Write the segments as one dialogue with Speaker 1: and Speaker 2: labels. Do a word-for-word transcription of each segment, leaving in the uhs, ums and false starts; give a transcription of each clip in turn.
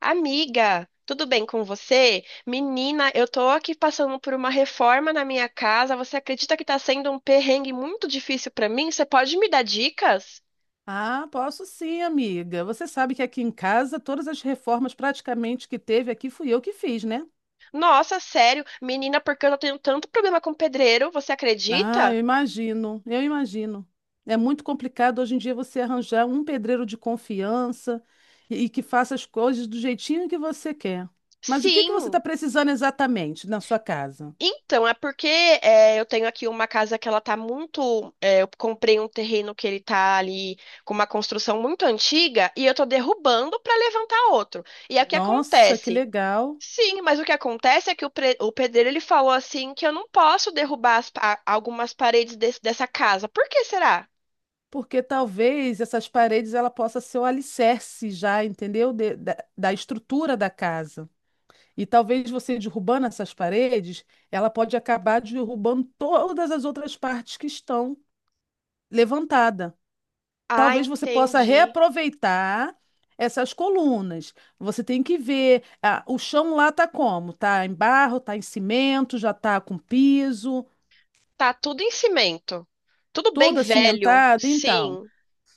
Speaker 1: Amiga, tudo bem com você? Menina, eu tô aqui passando por uma reforma na minha casa. Você acredita que tá sendo um perrengue muito difícil pra mim? Você pode me dar dicas?
Speaker 2: Ah, posso sim, amiga. Você sabe que aqui em casa todas as reformas praticamente que teve aqui fui eu que fiz, né?
Speaker 1: Nossa, sério, menina, porque eu tô tendo tanto problema com pedreiro, você
Speaker 2: Ah,
Speaker 1: acredita?
Speaker 2: eu imagino, eu imagino. É muito complicado hoje em dia você arranjar um pedreiro de confiança e, e que faça as coisas do jeitinho que você quer. Mas o que que você
Speaker 1: Sim.
Speaker 2: está precisando exatamente na sua casa?
Speaker 1: Então, é porque é, eu tenho aqui uma casa que ela tá muito. é, eu comprei um terreno que ele tá ali com uma construção muito antiga e eu tô derrubando para levantar outro. E aí o que
Speaker 2: Nossa, que
Speaker 1: acontece?
Speaker 2: legal!
Speaker 1: Sim, mas o que acontece é que o, pre- o pedreiro ele falou assim que eu não posso derrubar as pa- algumas paredes desse- dessa casa. Por que será?
Speaker 2: Porque talvez essas paredes ela possa ser o alicerce já, entendeu? De- da da estrutura da casa. E talvez você derrubando essas paredes, ela pode acabar derrubando todas as outras partes que estão levantadas.
Speaker 1: Ah,
Speaker 2: Talvez você possa
Speaker 1: entendi.
Speaker 2: reaproveitar essas colunas. Você tem que ver, ah, o chão lá tá como? Tá em barro, tá em cimento, já tá com piso,
Speaker 1: Tá tudo em cimento. Tudo bem
Speaker 2: toda
Speaker 1: velho.
Speaker 2: cimentada, então.
Speaker 1: Sim.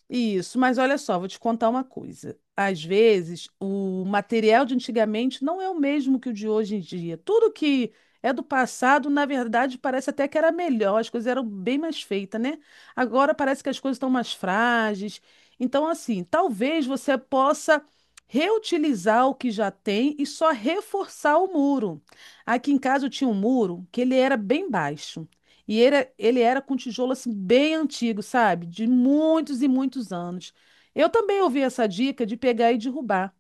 Speaker 2: Isso, mas olha só, vou te contar uma coisa. Às vezes, o material de antigamente não é o mesmo que o de hoje em dia. Tudo que é do passado, na verdade, parece até que era melhor, as coisas eram bem mais feitas, né? Agora parece que as coisas estão mais frágeis. Então, assim, talvez você possa reutilizar o que já tem e só reforçar o muro. Aqui em casa eu tinha um muro que ele era bem baixo. E ele, é- ele era com tijolo assim bem antigo, sabe? De muitos e muitos anos. Eu também ouvi essa dica de pegar e derrubar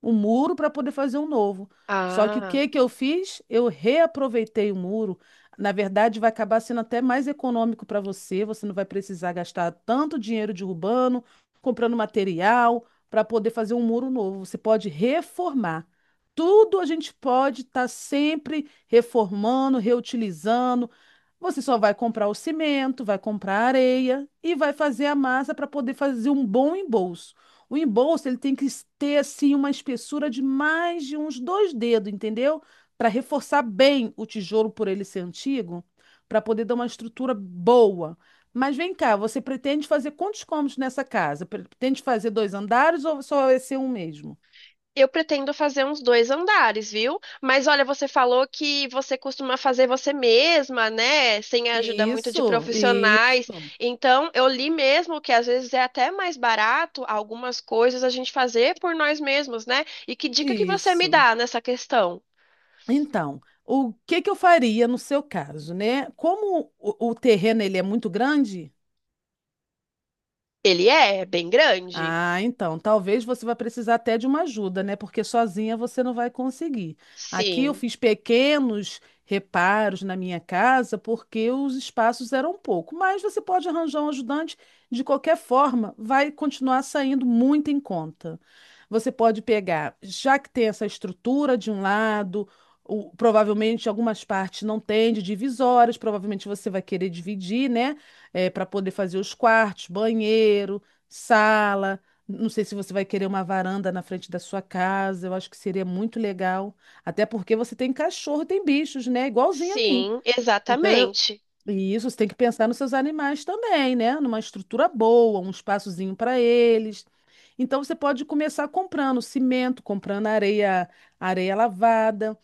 Speaker 2: o muro para poder fazer um novo. Só que o
Speaker 1: Ah.
Speaker 2: que que eu fiz? Eu reaproveitei o muro. Na verdade, vai acabar sendo até mais econômico para você. Você não vai precisar gastar tanto dinheiro derrubando, comprando material para poder fazer um muro novo. Você pode reformar. Tudo a gente pode estar sempre reformando, reutilizando, você só vai comprar o cimento, vai comprar a areia e vai fazer a massa para poder fazer um bom embolso. O embolso ele tem que s- ter assim uma espessura de mais de uns dois dedos, entendeu? Para reforçar bem o tijolo por ele ser antigo, para poder dar uma estrutura boa. Mas vem cá, você pretende fazer quantos cômodos nessa casa? Pretende fazer dois andares ou só vai ser um mesmo?
Speaker 1: Eu pretendo fazer uns dois andares, viu? Mas olha, você falou que você costuma fazer você mesma, né? Sem a ajuda muito de
Speaker 2: Isso,
Speaker 1: profissionais.
Speaker 2: isso,
Speaker 1: Então, eu li mesmo que às vezes é até mais barato algumas coisas a gente fazer por nós mesmos, né? E que dica que você me
Speaker 2: isso.
Speaker 1: dá nessa questão?
Speaker 2: Então, o que que eu faria no seu caso, né? Como o, o terreno ele é muito grande.
Speaker 1: Ele é bem grande?
Speaker 2: Ah, então, talvez você vai precisar até de uma ajuda, né? Porque sozinha você não vai conseguir. Aqui eu
Speaker 1: Sim,
Speaker 2: fiz pequenos reparos na minha casa porque os espaços eram pouco, mas você pode arranjar um ajudante, de qualquer forma, vai continuar saindo muito em conta. Você pode pegar, já que tem essa estrutura de um lado, o- provavelmente algumas partes não têm de divisórias, provavelmente você vai querer dividir, né? Eh, para poder fazer os quartos, banheiros, sala. Não sei se você vai querer uma varanda na frente da sua casa. Eu acho que seria muito legal. Até porque você tem cachorro, tem bichos, né? Igualzinho a mim.
Speaker 1: sim,
Speaker 2: Então, eu...
Speaker 1: exatamente.
Speaker 2: e isso, você tem que pensar nos seus animais também, né? Numa estrutura boa, um espaçozinho para eles. Então, você pode começar comprando cimento, comprando areia, areia lavada,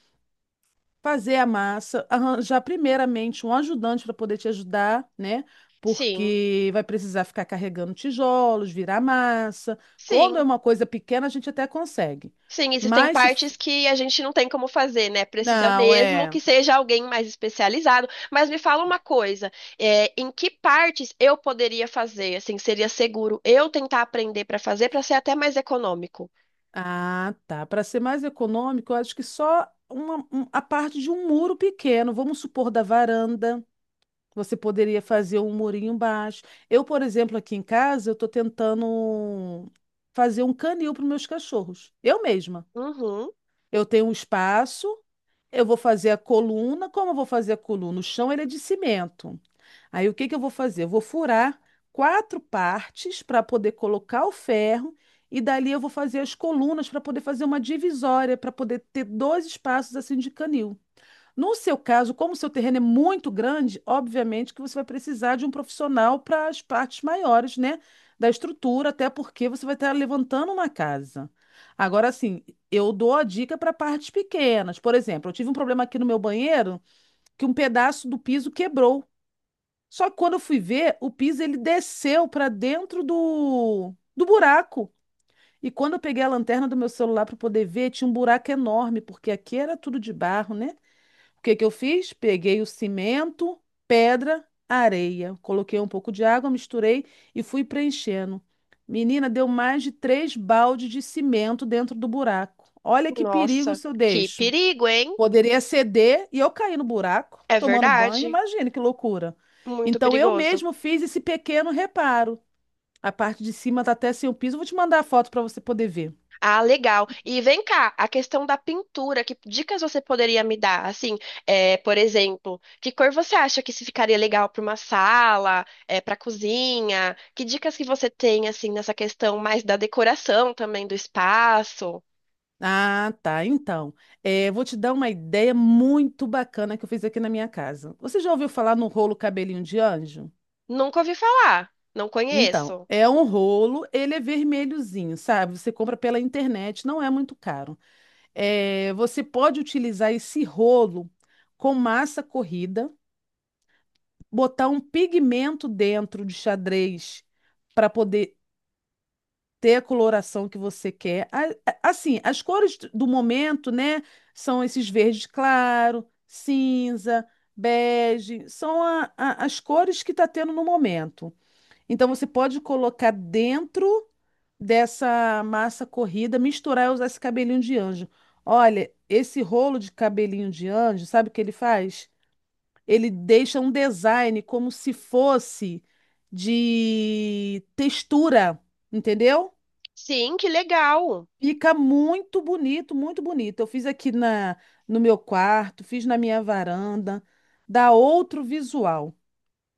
Speaker 2: fazer a massa, arranjar primeiramente um ajudante para poder te ajudar, né?
Speaker 1: Sim,
Speaker 2: Porque vai precisar ficar carregando tijolos, virar massa. Quando é
Speaker 1: sim.
Speaker 2: uma coisa pequena, a gente até consegue.
Speaker 1: Sim, existem
Speaker 2: Mas se. F-
Speaker 1: partes que a gente não tem como fazer, né? Precisa
Speaker 2: Não,
Speaker 1: mesmo que
Speaker 2: é.
Speaker 1: seja alguém mais especializado. Mas me fala uma coisa, é, em que partes eu poderia fazer? Assim, seria seguro eu tentar aprender para fazer para ser até mais econômico?
Speaker 2: Ah, tá. Para ser mais econômico, eu acho que só uma, um- a parte de um muro pequeno, vamos supor, da varanda. Você poderia fazer um murinho baixo. Eu, por exemplo, aqui em casa, eu estou tentando fazer um canil para meus cachorros. Eu mesma.
Speaker 1: Uhum.
Speaker 2: Eu tenho um espaço, eu vou fazer a coluna. Como eu vou fazer a coluna? O chão ele é de cimento. Aí o que que eu vou fazer? Eu vou furar quatro partes para poder colocar o ferro e dali eu vou fazer as colunas para poder fazer uma divisória, para poder ter dois espaços assim de canil. No seu caso, como o seu terreno é muito grande, obviamente que você vai precisar de um profissional para as partes maiores, né, da estrutura, até porque você vai estar levantando uma casa. Agora, assim, eu dou a dica para partes pequenas. Por exemplo, eu tive um problema aqui no meu banheiro que um pedaço do piso quebrou. Só que quando eu fui ver, o piso ele desceu para dentro do, do buraco. E quando eu peguei a lanterna do meu celular para poder ver, tinha um buraco enorme, porque aqui era tudo de barro, né? O que que eu fiz? Peguei o cimento, pedra, areia. Coloquei um pouco de água, misturei e fui preenchendo. Menina, deu mais de três baldes de cimento dentro do buraco. Olha que perigo
Speaker 1: Nossa,
Speaker 2: se eu
Speaker 1: que
Speaker 2: deixo.
Speaker 1: perigo, hein?
Speaker 2: Poderia ceder e eu cair no buraco,
Speaker 1: É
Speaker 2: tomando banho.
Speaker 1: verdade,
Speaker 2: Imagine que loucura.
Speaker 1: muito
Speaker 2: Então, eu
Speaker 1: perigoso.
Speaker 2: mesmo fiz esse pequeno reparo. A parte de cima está até sem o piso. Eu vou te mandar a foto para você poder ver.
Speaker 1: Ah, legal. E vem cá, a questão da pintura, que dicas você poderia me dar? Assim, é, por exemplo, que cor você acha que se ficaria legal para uma sala, para cozinha? Que dicas que você tem assim nessa questão mais da decoração também do espaço?
Speaker 2: Ah, tá. Então, eh, vou te dar uma ideia muito bacana que eu fiz aqui na minha casa. Você já ouviu falar no rolo cabelinho de anjo?
Speaker 1: Nunca ouvi falar, não
Speaker 2: Então,
Speaker 1: conheço.
Speaker 2: é um rolo, ele é vermelhozinho, sabe? Você compra pela internet, não é muito caro. Eh, você pode utilizar esse rolo com massa corrida, botar um pigmento dentro de xadrez para poder ter a coloração que você quer. A- a- Assim, as cores do momento, né, são esses verde claro, cinza, bege, são a- a- as cores que está tendo no momento. Então você pode colocar dentro dessa massa corrida, misturar e usar esse cabelinho de anjo. Olha, esse rolo de cabelinho de anjo, sabe o que ele faz? Ele deixa um design como se fosse de textura, entendeu?
Speaker 1: Sim, que legal.
Speaker 2: Fica muito bonito, muito bonito. Eu fiz aqui na, no meu quarto, fiz na minha varanda, dá outro visual.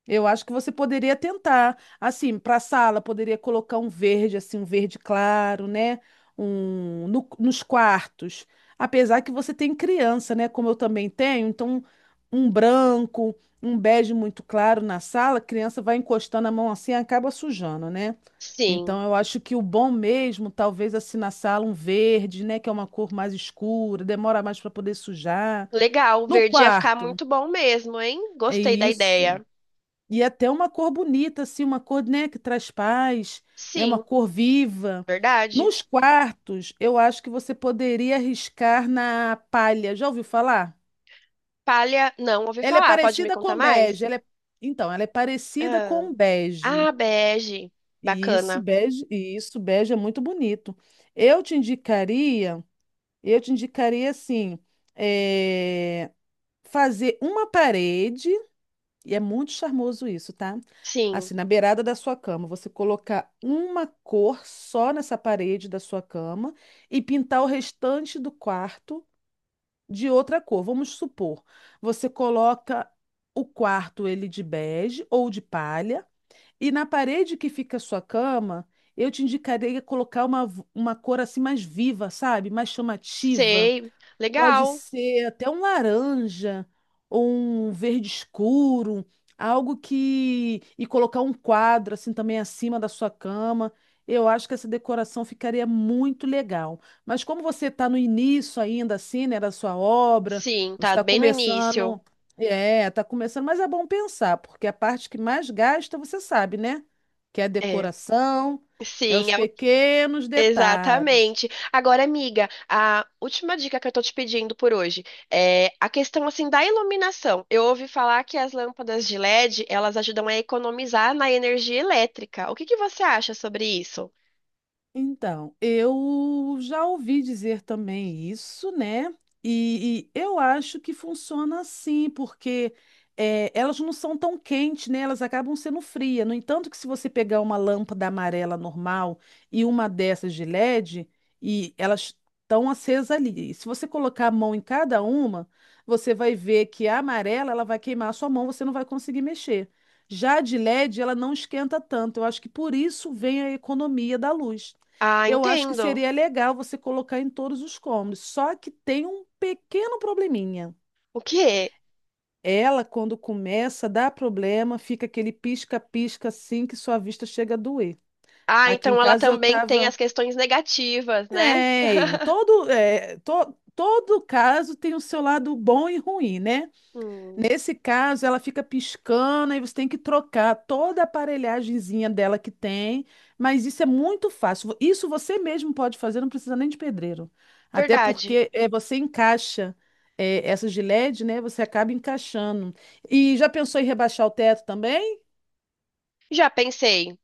Speaker 2: Eu acho que você poderia tentar, assim, para a sala, poderia colocar um verde, assim, um verde claro, né? Um, no- nos quartos, apesar que você tem criança, né? Como eu também tenho, então um branco, um bege muito claro na sala, a criança vai encostando a mão assim e acaba sujando, né?
Speaker 1: Sim,
Speaker 2: Então eu acho que o bom mesmo, talvez assim na sala, um verde, né? Que é uma cor mais escura, demora mais para poder sujar.
Speaker 1: legal.
Speaker 2: No
Speaker 1: Verde ia ficar
Speaker 2: quarto,
Speaker 1: muito bom mesmo, hein?
Speaker 2: é
Speaker 1: Gostei da
Speaker 2: isso.
Speaker 1: ideia.
Speaker 2: E é até uma cor bonita, assim, uma cor, né, que traz paz, né, uma
Speaker 1: Sim,
Speaker 2: cor viva.
Speaker 1: verdade.
Speaker 2: Nos quartos, eu acho que você poderia arriscar na palha. Já ouviu falar?
Speaker 1: Palha, não ouvi
Speaker 2: Ela é
Speaker 1: falar. Pode me
Speaker 2: parecida
Speaker 1: contar
Speaker 2: com bege.
Speaker 1: mais?
Speaker 2: Ela é... Então, ela é parecida
Speaker 1: Ah.
Speaker 2: com bege.
Speaker 1: Ah, bege.
Speaker 2: E isso,
Speaker 1: Bacana.
Speaker 2: bege, e isso, bege é muito bonito. Eu te indicaria, eu te indicaria assim, eh, fazer uma parede. E é muito charmoso isso, tá?
Speaker 1: Sim.
Speaker 2: Assim, na beirada da sua cama, você colocar uma cor só nessa parede da sua cama e pintar o restante do quarto de outra cor. Vamos supor, você coloca o quarto ele de bege ou de palha e na parede que fica a sua cama, eu te indicaria colocar uma, v- uma cor assim mais viva, sabe? Mais chamativa.
Speaker 1: Sei.
Speaker 2: Pode
Speaker 1: Legal.
Speaker 2: ser até um laranja ou um verde escuro, algo que. E colocar um quadro assim também acima da sua cama. Eu acho que essa decoração ficaria muito legal. Mas como você está no início ainda, assim, né, da sua obra,
Speaker 1: Sim,
Speaker 2: você
Speaker 1: tá
Speaker 2: está
Speaker 1: bem no início.
Speaker 2: começando. É, está começando, mas é bom pensar, porque a parte que mais gasta, você sabe, né? Que é a
Speaker 1: É.
Speaker 2: decoração, é
Speaker 1: Sim,
Speaker 2: os
Speaker 1: é o-
Speaker 2: pequenos detalhes.
Speaker 1: exatamente. Agora, amiga, a última dica que eu tô te pedindo por hoje é a questão assim da iluminação. Eu ouvi falar que as lâmpadas de L E D, elas ajudam a economizar na energia elétrica. O que que você acha sobre isso?
Speaker 2: Então, eu já ouvi dizer também isso, né? E, e eu acho que funciona assim, porque eh, elas não são tão quentes, né? Elas acabam sendo frias. No entanto, que se você pegar uma lâmpada amarela normal e uma dessas de L E D, e elas estão acesas ali. E se você colocar a mão em cada uma, você vai ver que a amarela ela vai queimar a sua mão, você não vai conseguir mexer. Já a de L E D, ela não esquenta tanto. Eu acho que por isso vem a economia da luz.
Speaker 1: Ah,
Speaker 2: Eu acho que
Speaker 1: entendo.
Speaker 2: seria legal você colocar em todos os cômodos, só que tem um pequeno probleminha.
Speaker 1: O quê?
Speaker 2: Ela, quando começa, dá problema, fica aquele pisca-pisca assim que sua vista chega a doer.
Speaker 1: Ah,
Speaker 2: Aqui em
Speaker 1: então ela
Speaker 2: casa eu
Speaker 1: também tem as
Speaker 2: tava.
Speaker 1: questões negativas, né?
Speaker 2: Tem, todo, é, to- todo caso tem o seu lado bom e ruim, né?
Speaker 1: Hum,
Speaker 2: Nesse caso, ela fica piscando e você tem que trocar toda a aparelhagemzinha dela que tem, mas isso é muito fácil. Vo- Isso você mesmo pode fazer, não precisa nem de pedreiro. Até
Speaker 1: verdade.
Speaker 2: porque é, você encaixa é, essas de L E D, né? Você acaba encaixando. E já pensou em rebaixar o teto também?
Speaker 1: Já pensei.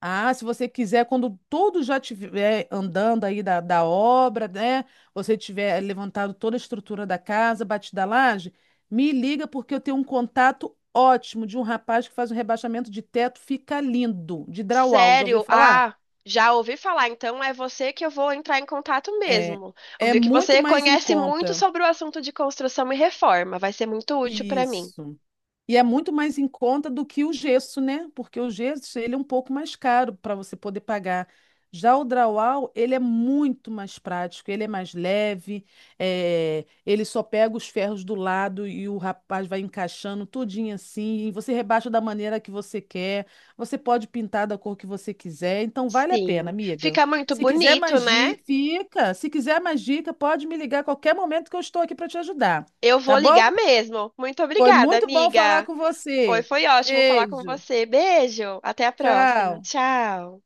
Speaker 2: Ah, se você quiser, quando tudo já estiver andando aí da, da obra, né? Você tiver levantado toda a estrutura da casa, batida a laje, me liga porque eu tenho um contato ótimo de um rapaz que faz um rebaixamento de teto, fica lindo, de drywall, já ouviu
Speaker 1: Sério?
Speaker 2: falar?
Speaker 1: Ah, já ouvi falar. Então é você que eu vou entrar em contato
Speaker 2: É,
Speaker 1: mesmo.
Speaker 2: é
Speaker 1: Ouvi que
Speaker 2: muito
Speaker 1: você
Speaker 2: mais em
Speaker 1: conhece muito
Speaker 2: conta.
Speaker 1: sobre o assunto de construção e reforma. Vai ser muito útil para mim.
Speaker 2: Isso. E é muito mais em conta do que o gesso, né? Porque o gesso, ele é um pouco mais caro para você poder pagar. Já o drywall, ele é muito mais prático, ele é mais leve, eh, ele só pega os ferros do lado e o rapaz vai encaixando tudinho assim, e você rebaixa da maneira que você quer, você pode pintar da cor que você quiser, então vale a pena,
Speaker 1: Sim.
Speaker 2: amiga.
Speaker 1: Fica muito
Speaker 2: Se quiser
Speaker 1: bonito,
Speaker 2: mais
Speaker 1: né?
Speaker 2: dica, fica, se quiser mais dica, pode me ligar a qualquer momento que eu estou aqui para te ajudar,
Speaker 1: Eu
Speaker 2: tá
Speaker 1: vou
Speaker 2: bom?
Speaker 1: ligar mesmo. Muito
Speaker 2: Foi
Speaker 1: obrigada,
Speaker 2: muito bom falar
Speaker 1: amiga.
Speaker 2: com
Speaker 1: Foi,
Speaker 2: você.
Speaker 1: foi ótimo falar com
Speaker 2: Beijo.
Speaker 1: você. Beijo. Até a próxima.
Speaker 2: Tchau.
Speaker 1: Tchau.